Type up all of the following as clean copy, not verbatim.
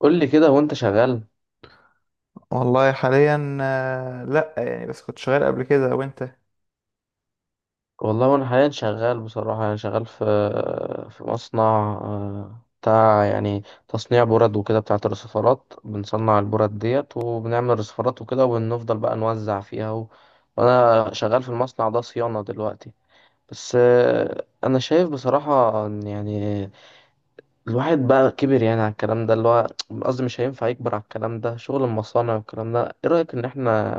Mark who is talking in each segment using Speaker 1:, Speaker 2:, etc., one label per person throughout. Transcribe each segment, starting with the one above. Speaker 1: قول لي كده وانت شغال.
Speaker 2: والله حاليا لا يعني بس كنت شغال قبل كده وانت.
Speaker 1: والله وانا حاليا شغال بصراحة، يعني شغال في مصنع. بتاع يعني تصنيع برد وكده بتاعة الرصفارات، بنصنع البرد ديت وبنعمل رصفارات وكده، وبنفضل بقى نوزع فيها وانا شغال في المصنع ده صيانة دلوقتي. بس انا شايف بصراحة ان يعني الواحد بقى كبر، يعني على الكلام ده اللي هو قصدي مش هينفع يكبر على الكلام ده شغل المصانع والكلام ده. ايه رأيك ان احنا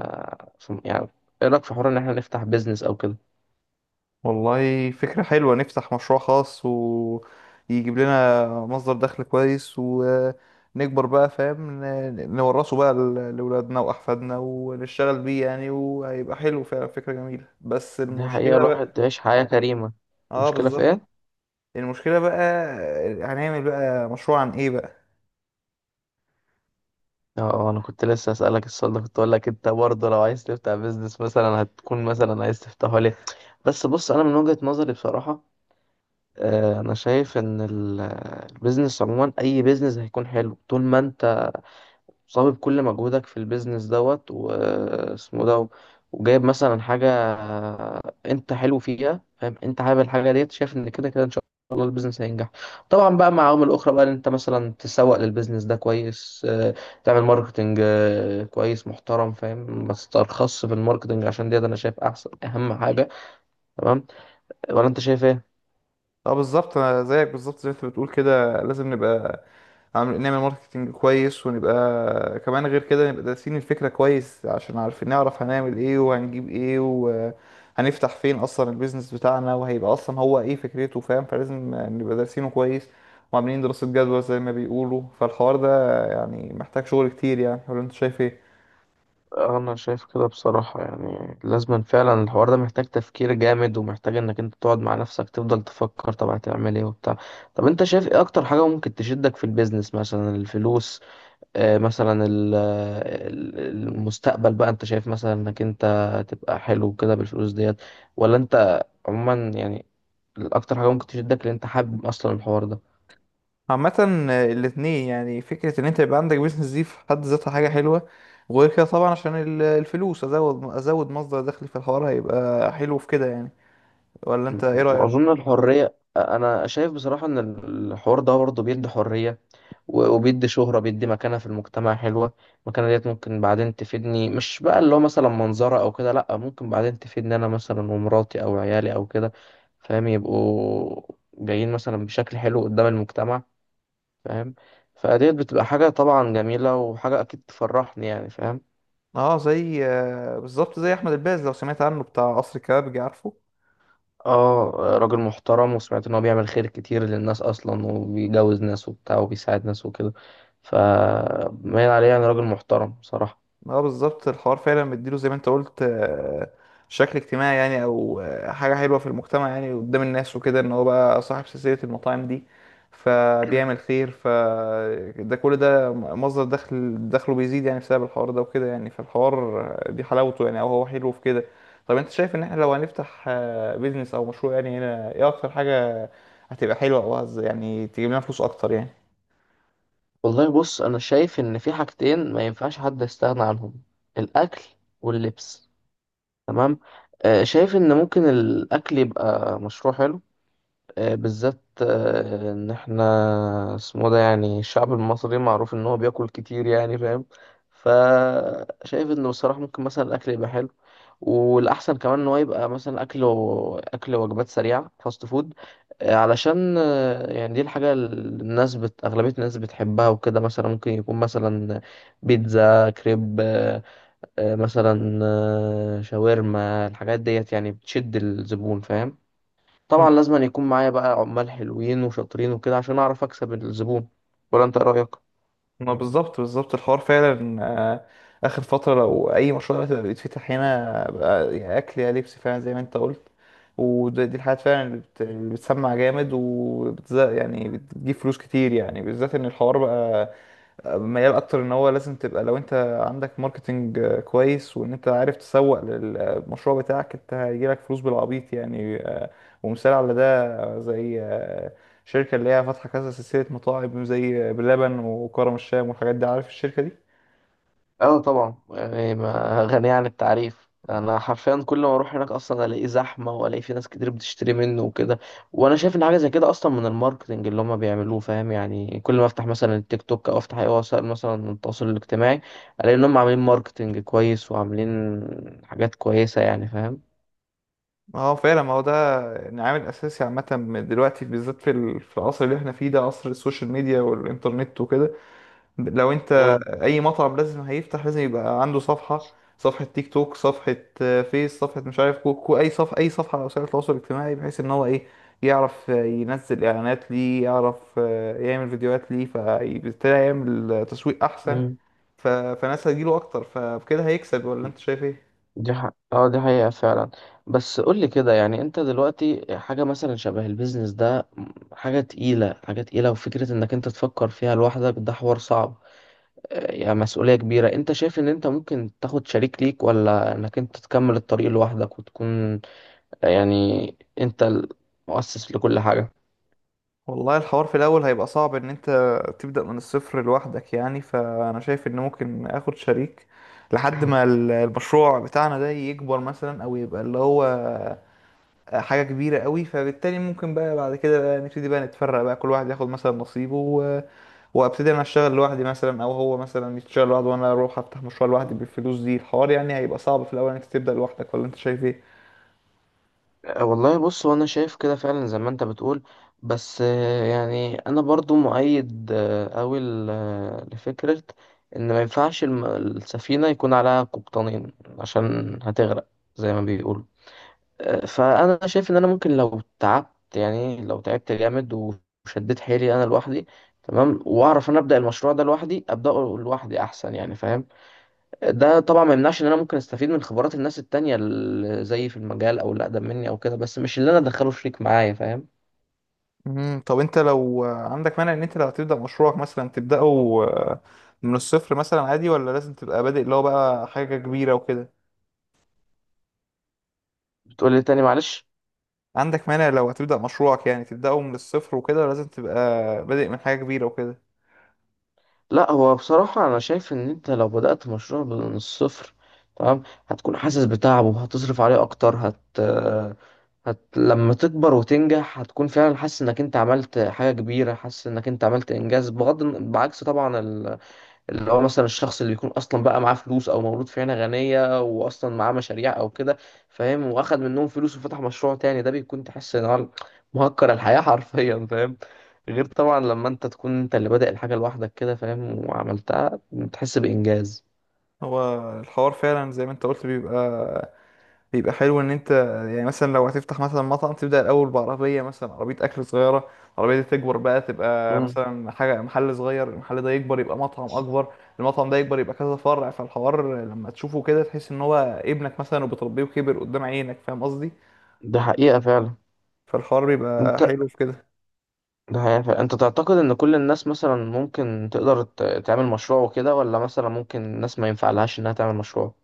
Speaker 1: يعني ايه رأيك في حوار ان احنا نفتح بيزنس او كده؟
Speaker 2: والله فكرة حلوة، نفتح مشروع خاص ويجيب لنا مصدر دخل كويس ونكبر بقى، فاهم، نورثه بقى لأولادنا وأحفادنا ونشتغل بيه يعني، وهيبقى حلو فعلا، فكرة جميلة، بس
Speaker 1: دي حقيقة،
Speaker 2: المشكلة بقى.
Speaker 1: الواحد عيش حياة كريمة.
Speaker 2: اه
Speaker 1: المشكلة في
Speaker 2: بالظبط.
Speaker 1: ايه؟
Speaker 2: المشكلة بقى هنعمل بقى مشروع عن ايه بقى؟
Speaker 1: اه، انا كنت لسه اسألك السؤال ده، كنت اقول لك انت برضه لو عايز تفتح بيزنس مثلا هتكون مثلا عايز تفتحه ليه. بس بص، انا من وجهة نظري بصراحة، انا شايف ان البيزنس عموما، اي بيزنس هيكون حلو طول ما انت صابب بكل مجهودك في البيزنس دوت واسمه ده، وجايب مثلا حاجة انت حلو فيها، فاهم؟ انت حابب الحاجة ديت، شايف ان كده كده ان شاء الله البيزنس هينجح. طبعا بقى مع عوامل اخرى بقى، ان انت مثلا تسوق للبيزنس ده كويس، تعمل ماركتنج كويس محترم، فاهم؟ ما تسترخصش في الماركتنج عشان ديت، انا شايف احسن اهم حاجة. تمام، ولا انت شايف ايه؟
Speaker 2: اه بالظبط، انا زيك بالظبط زي ما انت بتقول كده، لازم نبقى نعمل ماركتنج كويس، ونبقى كمان غير كده نبقى دارسين الفكرة كويس عشان نعرف هنعمل ايه وهنجيب ايه وهنفتح فين اصلا البيزنس بتاعنا، وهيبقى اصلا هو ايه فكرته، فاهم، فلازم نبقى دارسينه كويس وعاملين دراسة جدوى زي ما بيقولوا، فالحوار ده يعني محتاج شغل كتير يعني، ولا انت شايف ايه؟
Speaker 1: انا شايف كده بصراحة، يعني لازم فعلا الحوار ده محتاج تفكير جامد، ومحتاج انك انت تقعد مع نفسك تفضل تفكر طب هتعمل ايه وبتاع. طب انت شايف ايه اكتر حاجة ممكن تشدك في البيزنس؟ مثلا الفلوس، آه، مثلا المستقبل بقى، انت شايف مثلا انك انت تبقى حلو كده بالفلوس ديت، ولا انت عموما يعني اكتر حاجة ممكن تشدك اللي انت حابب اصلا الحوار ده؟
Speaker 2: عامة الاتنين، يعني فكرة ان انت يبقى عندك بيزنس دي في حد ذاتها حاجة حلوة، وغير كده طبعا عشان الفلوس، ازود مصدر دخل في الحوار، هيبقى حلو في كده يعني، ولا انت ايه رأيك؟
Speaker 1: واظن الحريه، انا شايف بصراحه ان الحوار ده برضه بيدي حريه، وبيدي شهره، بيدي مكانه في المجتمع حلوه. المكانه ديت ممكن بعدين تفيدني، مش بقى اللي هو مثلا منظره او كده، لا، ممكن بعدين تفيدني انا مثلا ومراتي او عيالي او كده، فاهم؟ يبقوا جايين مثلا بشكل حلو قدام المجتمع، فاهم؟ فديت بتبقى حاجه طبعا جميله، وحاجه اكيد تفرحني، يعني فاهم.
Speaker 2: اه زي بالظبط زي احمد الباز، لو سمعت عنه، بتاع قصر الكبابجي، عارفه.
Speaker 1: اه، راجل محترم، وسمعت ان هو بيعمل خير كتير للناس اصلا، وبيجوز ناس وبتاع وبيساعد ناس وكده، فمايل عليه يعني، راجل محترم بصراحة.
Speaker 2: اه بالظبط، الحوار فعلا مديله زي ما انت قلت، شكل اجتماعي يعني، او حاجة حلوة في المجتمع يعني قدام الناس وكده، ان هو بقى صاحب سلسلة المطاعم دي فبيعمل خير، فده كل ده مصدر دخل، دخله بيزيد يعني بسبب الحوار ده وكده يعني، فالحوار دي حلاوته يعني، او هو حلو في كده. طب انت شايف ان احنا لو هنفتح بيزنس او مشروع يعني، هنا ايه اكتر حاجة هتبقى حلوة او يعني تجيب لنا فلوس اكتر يعني؟
Speaker 1: والله بص، انا شايف ان في حاجتين ما ينفعش حد يستغنى عنهم: الاكل واللبس. تمام، شايف ان ممكن الاكل يبقى مشروع حلو، بالذات ان احنا اسمه ده، يعني الشعب المصري معروف ان هو بياكل كتير، يعني فاهم. فشايف انه بصراحة ممكن مثلا الاكل يبقى حلو، والاحسن كمان ان هو يبقى مثلا اكله اكل وجبات سريعه، فاست فود، علشان يعني دي الحاجه اللي الناس اغلبيه الناس بتحبها وكده. مثلا ممكن يكون مثلا بيتزا، كريب، مثلا شاورما، الحاجات ديت يعني بتشد الزبون، فاهم. طبعا لازم أن يكون معايا بقى عمال حلوين وشاطرين وكده عشان اعرف اكسب الزبون. ولا انت إيه رايك؟
Speaker 2: ما بالظبط بالظبط، الحوار فعلا آه، اخر فتره لو اي مشروع دلوقتي بقى بيتفتح هنا بقى، يا اكل يا لبس، فعلا زي ما انت قلت. ودي الحاجات فعلا اللي اللي بتسمع جامد، يعني بتجيب فلوس كتير يعني، بالذات ان الحوار بقى ميال اكتر، ان هو لازم تبقى لو انت عندك ماركتنج كويس، وان انت عارف تسوق للمشروع بتاعك، انت هيجيلك فلوس بالعبيط يعني. ومثال على ده زي شركة اللي هي فاتحة كذا سلسلة مطاعم زي بلبن وكرم الشام والحاجات دي، عارف الشركة دي؟
Speaker 1: اه طبعا، يعني ما غنية عن التعريف، انا حرفيا كل ما اروح هناك اصلا الاقيه زحمه، والاقي في ناس كتير بتشتري منه وكده. وانا شايف ان حاجه زي كده اصلا من الماركتنج اللي هم بيعملوه، فاهم؟ يعني كل ما افتح مثلا التيك توك او افتح اي وسائل مثلا التواصل الاجتماعي، الاقي ان هم عاملين ماركتنج كويس، وعاملين حاجات كويسه، يعني فاهم.
Speaker 2: اه فعلا، ما هو ده يعني عامل اساسي. عامة دلوقتي بالذات في في العصر اللي احنا فيه ده، عصر السوشيال ميديا والانترنت وكده، لو انت اي مطعم لازم هيفتح لازم يبقى عنده صفحة، صفحة تيك توك، صفحة فيس، صفحة مش عارف كوكو، اي صفحة، اي صفحة على وسائل التواصل الاجتماعي، بحيث ان هو ايه يعرف ينزل اعلانات ليه، يعرف يعمل فيديوهات ليه، فبالتالي يعمل تسويق احسن
Speaker 1: مم.
Speaker 2: فناس هتجيله اكتر، فبكده هيكسب، ولا انت شايف ايه؟
Speaker 1: اه، دي حقيقة فعلا. بس قولي كده، يعني انت دلوقتي حاجة مثلا شبه البيزنس ده حاجة تقيلة، حاجة تقيلة، وفكرة انك انت تفكر فيها لوحدك ده حوار صعب، يعني مسؤولية كبيرة. انت شايف ان انت ممكن تاخد شريك ليك، ولا انك انت تكمل الطريق لوحدك وتكون يعني انت المؤسس لكل حاجة؟
Speaker 2: والله الحوار في الاول هيبقى صعب، ان انت تبدأ من الصفر لوحدك يعني، فانا شايف ان ممكن اخد شريك لحد ما المشروع بتاعنا ده يكبر مثلا، او يبقى اللي هو حاجة كبيرة قوي، فبالتالي ممكن بقى بعد كده بقى نبتدي بقى نتفرق بقى، كل واحد ياخد مثلا نصيبه وابتدي انا اشتغل لوحدي مثلا، او هو مثلا يشتغل لوحده وانا اروح افتح مشروع لوحدي بالفلوس دي. الحوار يعني هيبقى صعب في الاول انك تبدأ لوحدك، ولا انت شايف ايه؟
Speaker 1: أه والله بص، هو انا شايف كده فعلا زي ما انت بتقول، بس يعني انا برضو مؤيد قوي لفكرة ان ما ينفعش السفينة يكون عليها قبطانين، عشان هتغرق زي ما بيقولوا. فانا شايف ان انا ممكن لو تعبت، يعني لو تعبت جامد وشديت حيلي انا لوحدي، تمام، واعرف انا ابدا المشروع ده لوحدي، ابداه لوحدي احسن، يعني فاهم. ده طبعا ما يمنعش ان انا ممكن استفيد من خبرات الناس التانية اللي زي في المجال او اللي اقدم مني او كده، بس مش اللي انا ادخله شريك معايا، فاهم.
Speaker 2: مم. طب انت لو عندك مانع ان انت لو هتبدأ مشروعك مثلا تبدأه آه، من الصفر مثلا عادي، ولا لازم تبقى بادئ اللي هو بقى حاجة كبيرة وكده؟
Speaker 1: بتقول لي تاني معلش؟
Speaker 2: عندك مانع لو هتبدأ مشروعك يعني تبدأه من الصفر وكده، ولا لازم تبقى بادئ من حاجة كبيرة وكده؟
Speaker 1: لا، هو بصراحة انا شايف ان انت لو بدأت مشروع من الصفر، تمام، هتكون حاسس بتعبه، وهتصرف عليه اكتر، هت... هت لما تكبر وتنجح هتكون فعلا حاسس انك انت عملت حاجة كبيرة، حاسس انك انت عملت انجاز، بعكس طبعا اللي هو مثلا الشخص اللي بيكون اصلا بقى معاه فلوس، او مولود في عيله غنيه واصلا معاه مشاريع او كده، فاهم، واخد منهم فلوس وفتح مشروع تاني. ده بيكون تحس ان هو مهكر الحياه حرفيا، فاهم. غير طبعا لما انت تكون انت اللي بادئ الحاجه لوحدك كده، فاهم، وعملتها بتحس بانجاز.
Speaker 2: هو الحوار فعلا زي ما انت قلت بيبقى حلو ان انت يعني مثلا لو هتفتح مثلا مطعم، تبدأ الاول بعربية مثلا، عربية اكل صغيرة، العربية دي تكبر بقى تبقى
Speaker 1: مم.
Speaker 2: مثلا حاجة محل صغير، المحل ده يكبر يبقى مطعم اكبر، المطعم ده يكبر يبقى كذا فرع، فالحوار لما تشوفه كده تحس ان هو ابنك مثلا وبتربيه وكبر قدام عينك، فاهم قصدي،
Speaker 1: ده حقيقة فعلا.
Speaker 2: فالحوار بيبقى
Speaker 1: انت،
Speaker 2: حلو في كده.
Speaker 1: ده حقيقة فعلا. انت تعتقد ان كل الناس مثلا ممكن تقدر تعمل مشروع وكده، ولا مثلا ممكن الناس ما ينفعلهاش انها تعمل مشروع؟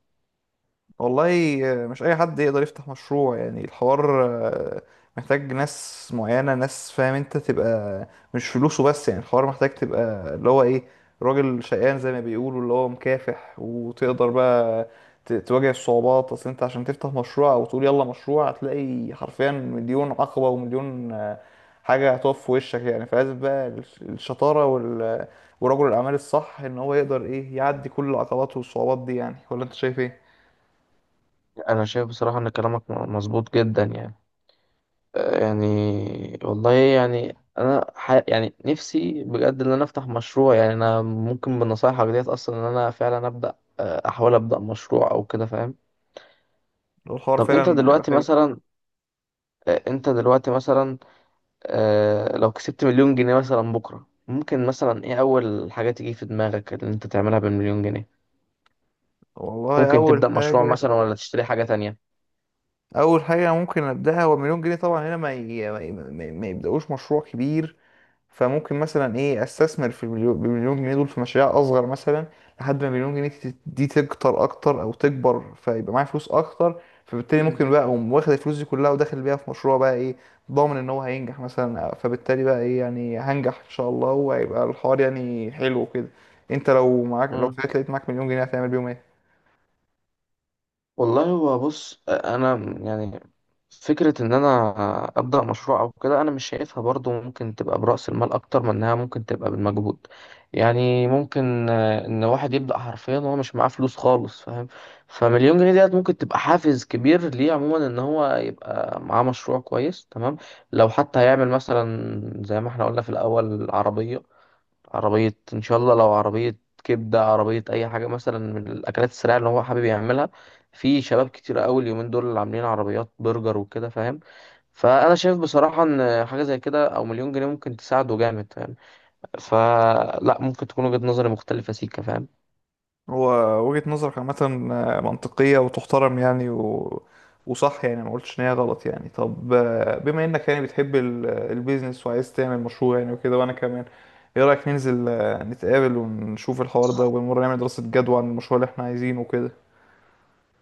Speaker 2: والله مش اي حد يقدر يفتح مشروع يعني، الحوار محتاج ناس معينة، ناس فاهم انت، تبقى مش فلوسه بس يعني، الحوار محتاج تبقى اللي هو ايه، راجل شقيان زي ما بيقولوا، اللي هو مكافح وتقدر بقى تواجه الصعوبات. اصل انت عشان تفتح مشروع او تقول يلا مشروع، هتلاقي حرفيا مليون عقبة ومليون حاجة هتقف في وشك يعني، فلازم بقى الشطارة ورجل الأعمال الصح، إن هو يقدر إيه يعدي كل العقبات والصعوبات دي يعني، ولا أنت شايف إيه؟
Speaker 1: انا شايف بصراحه ان كلامك مظبوط جدا، يعني يعني والله يعني انا يعني نفسي بجد ان انا افتح مشروع، يعني انا ممكن بنصايحك ديت اصلا ان انا فعلا ابدا، احاول ابدا مشروع او كده، فاهم.
Speaker 2: لو الحوار
Speaker 1: طب انت
Speaker 2: فعلا هيبقى
Speaker 1: دلوقتي
Speaker 2: حلو.
Speaker 1: مثلا انت دلوقتي مثلا لو كسبت مليون جنيه مثلا بكره، ممكن مثلا ايه اول حاجه تيجي في دماغك اللي انت تعملها بالمليون جنيه؟
Speaker 2: والله
Speaker 1: ممكن
Speaker 2: اول
Speaker 1: تبدا مشروع
Speaker 2: حاجه،
Speaker 1: مثلا ولا تشتري حاجه تانية؟
Speaker 2: اول حاجه ممكن ابداها، هو مليون جنيه طبعا هنا ما يبداوش مشروع كبير، فممكن مثلا ايه استثمر في المليون بالمليون جنيه دول في مشاريع اصغر مثلا، لحد ما المليون جنيه دي تكتر اكتر او تكبر، فيبقى معايا فلوس اكتر، فبالتالي ممكن بقى اقوم واخد الفلوس دي كلها وداخل بيها في مشروع بقى ايه ضامن ان هو هينجح مثلا، فبالتالي بقى ايه يعني هنجح ان شاء الله، وهيبقى الحوار يعني حلو كده. انت لو طلعت لقيت معاك مليون جنيه هتعمل بيهم ايه؟
Speaker 1: والله هو بص، انا يعني فكره ان انا ابدا مشروع او كده، انا مش شايفها برضو ممكن تبقى براس المال اكتر من انها ممكن تبقى بالمجهود. يعني ممكن ان واحد يبدا حرفيا وهو مش معاه فلوس خالص، فاهم؟ فمليون جنيه ديت ممكن تبقى حافز كبير ليه عموما، ان هو يبقى معاه مشروع كويس، تمام. لو حتى هيعمل مثلا زي ما احنا قلنا في الاول عربيه، عربية إن شاء الله، لو عربية كبدة، عربية أي حاجة مثلا من الأكلات السريعة اللي هو حابب يعملها. في شباب كتير أوي اليومين دول اللي عاملين عربيات برجر وكده، فاهم. فأنا شايف بصراحة إن حاجة زي كده أو مليون جنيه ممكن تساعده جامد، فاهم. فلا، ممكن تكون وجهة نظري مختلفة سيكا، فاهم.
Speaker 2: هو وجهة نظرك عامة منطقية وتحترم يعني وصح يعني، ما قلتش ان هي غلط يعني. طب بما انك يعني بتحب البيزنس وعايز تعمل مشروع يعني وكده، وانا كمان، ايه رأيك ننزل نتقابل ونشوف الحوار ده، وبالمرة نعمل دراسة جدوى عن المشروع اللي احنا عايزينه وكده؟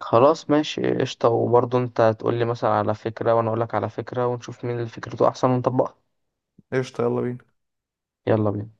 Speaker 1: خلاص ماشي قشطة، وبرضه أنت تقولي مثلا على فكرة وأنا أقولك على فكرة ونشوف مين اللي فكرته أحسن ونطبقها.
Speaker 2: قشطة، يلا بينا.
Speaker 1: يلا بينا.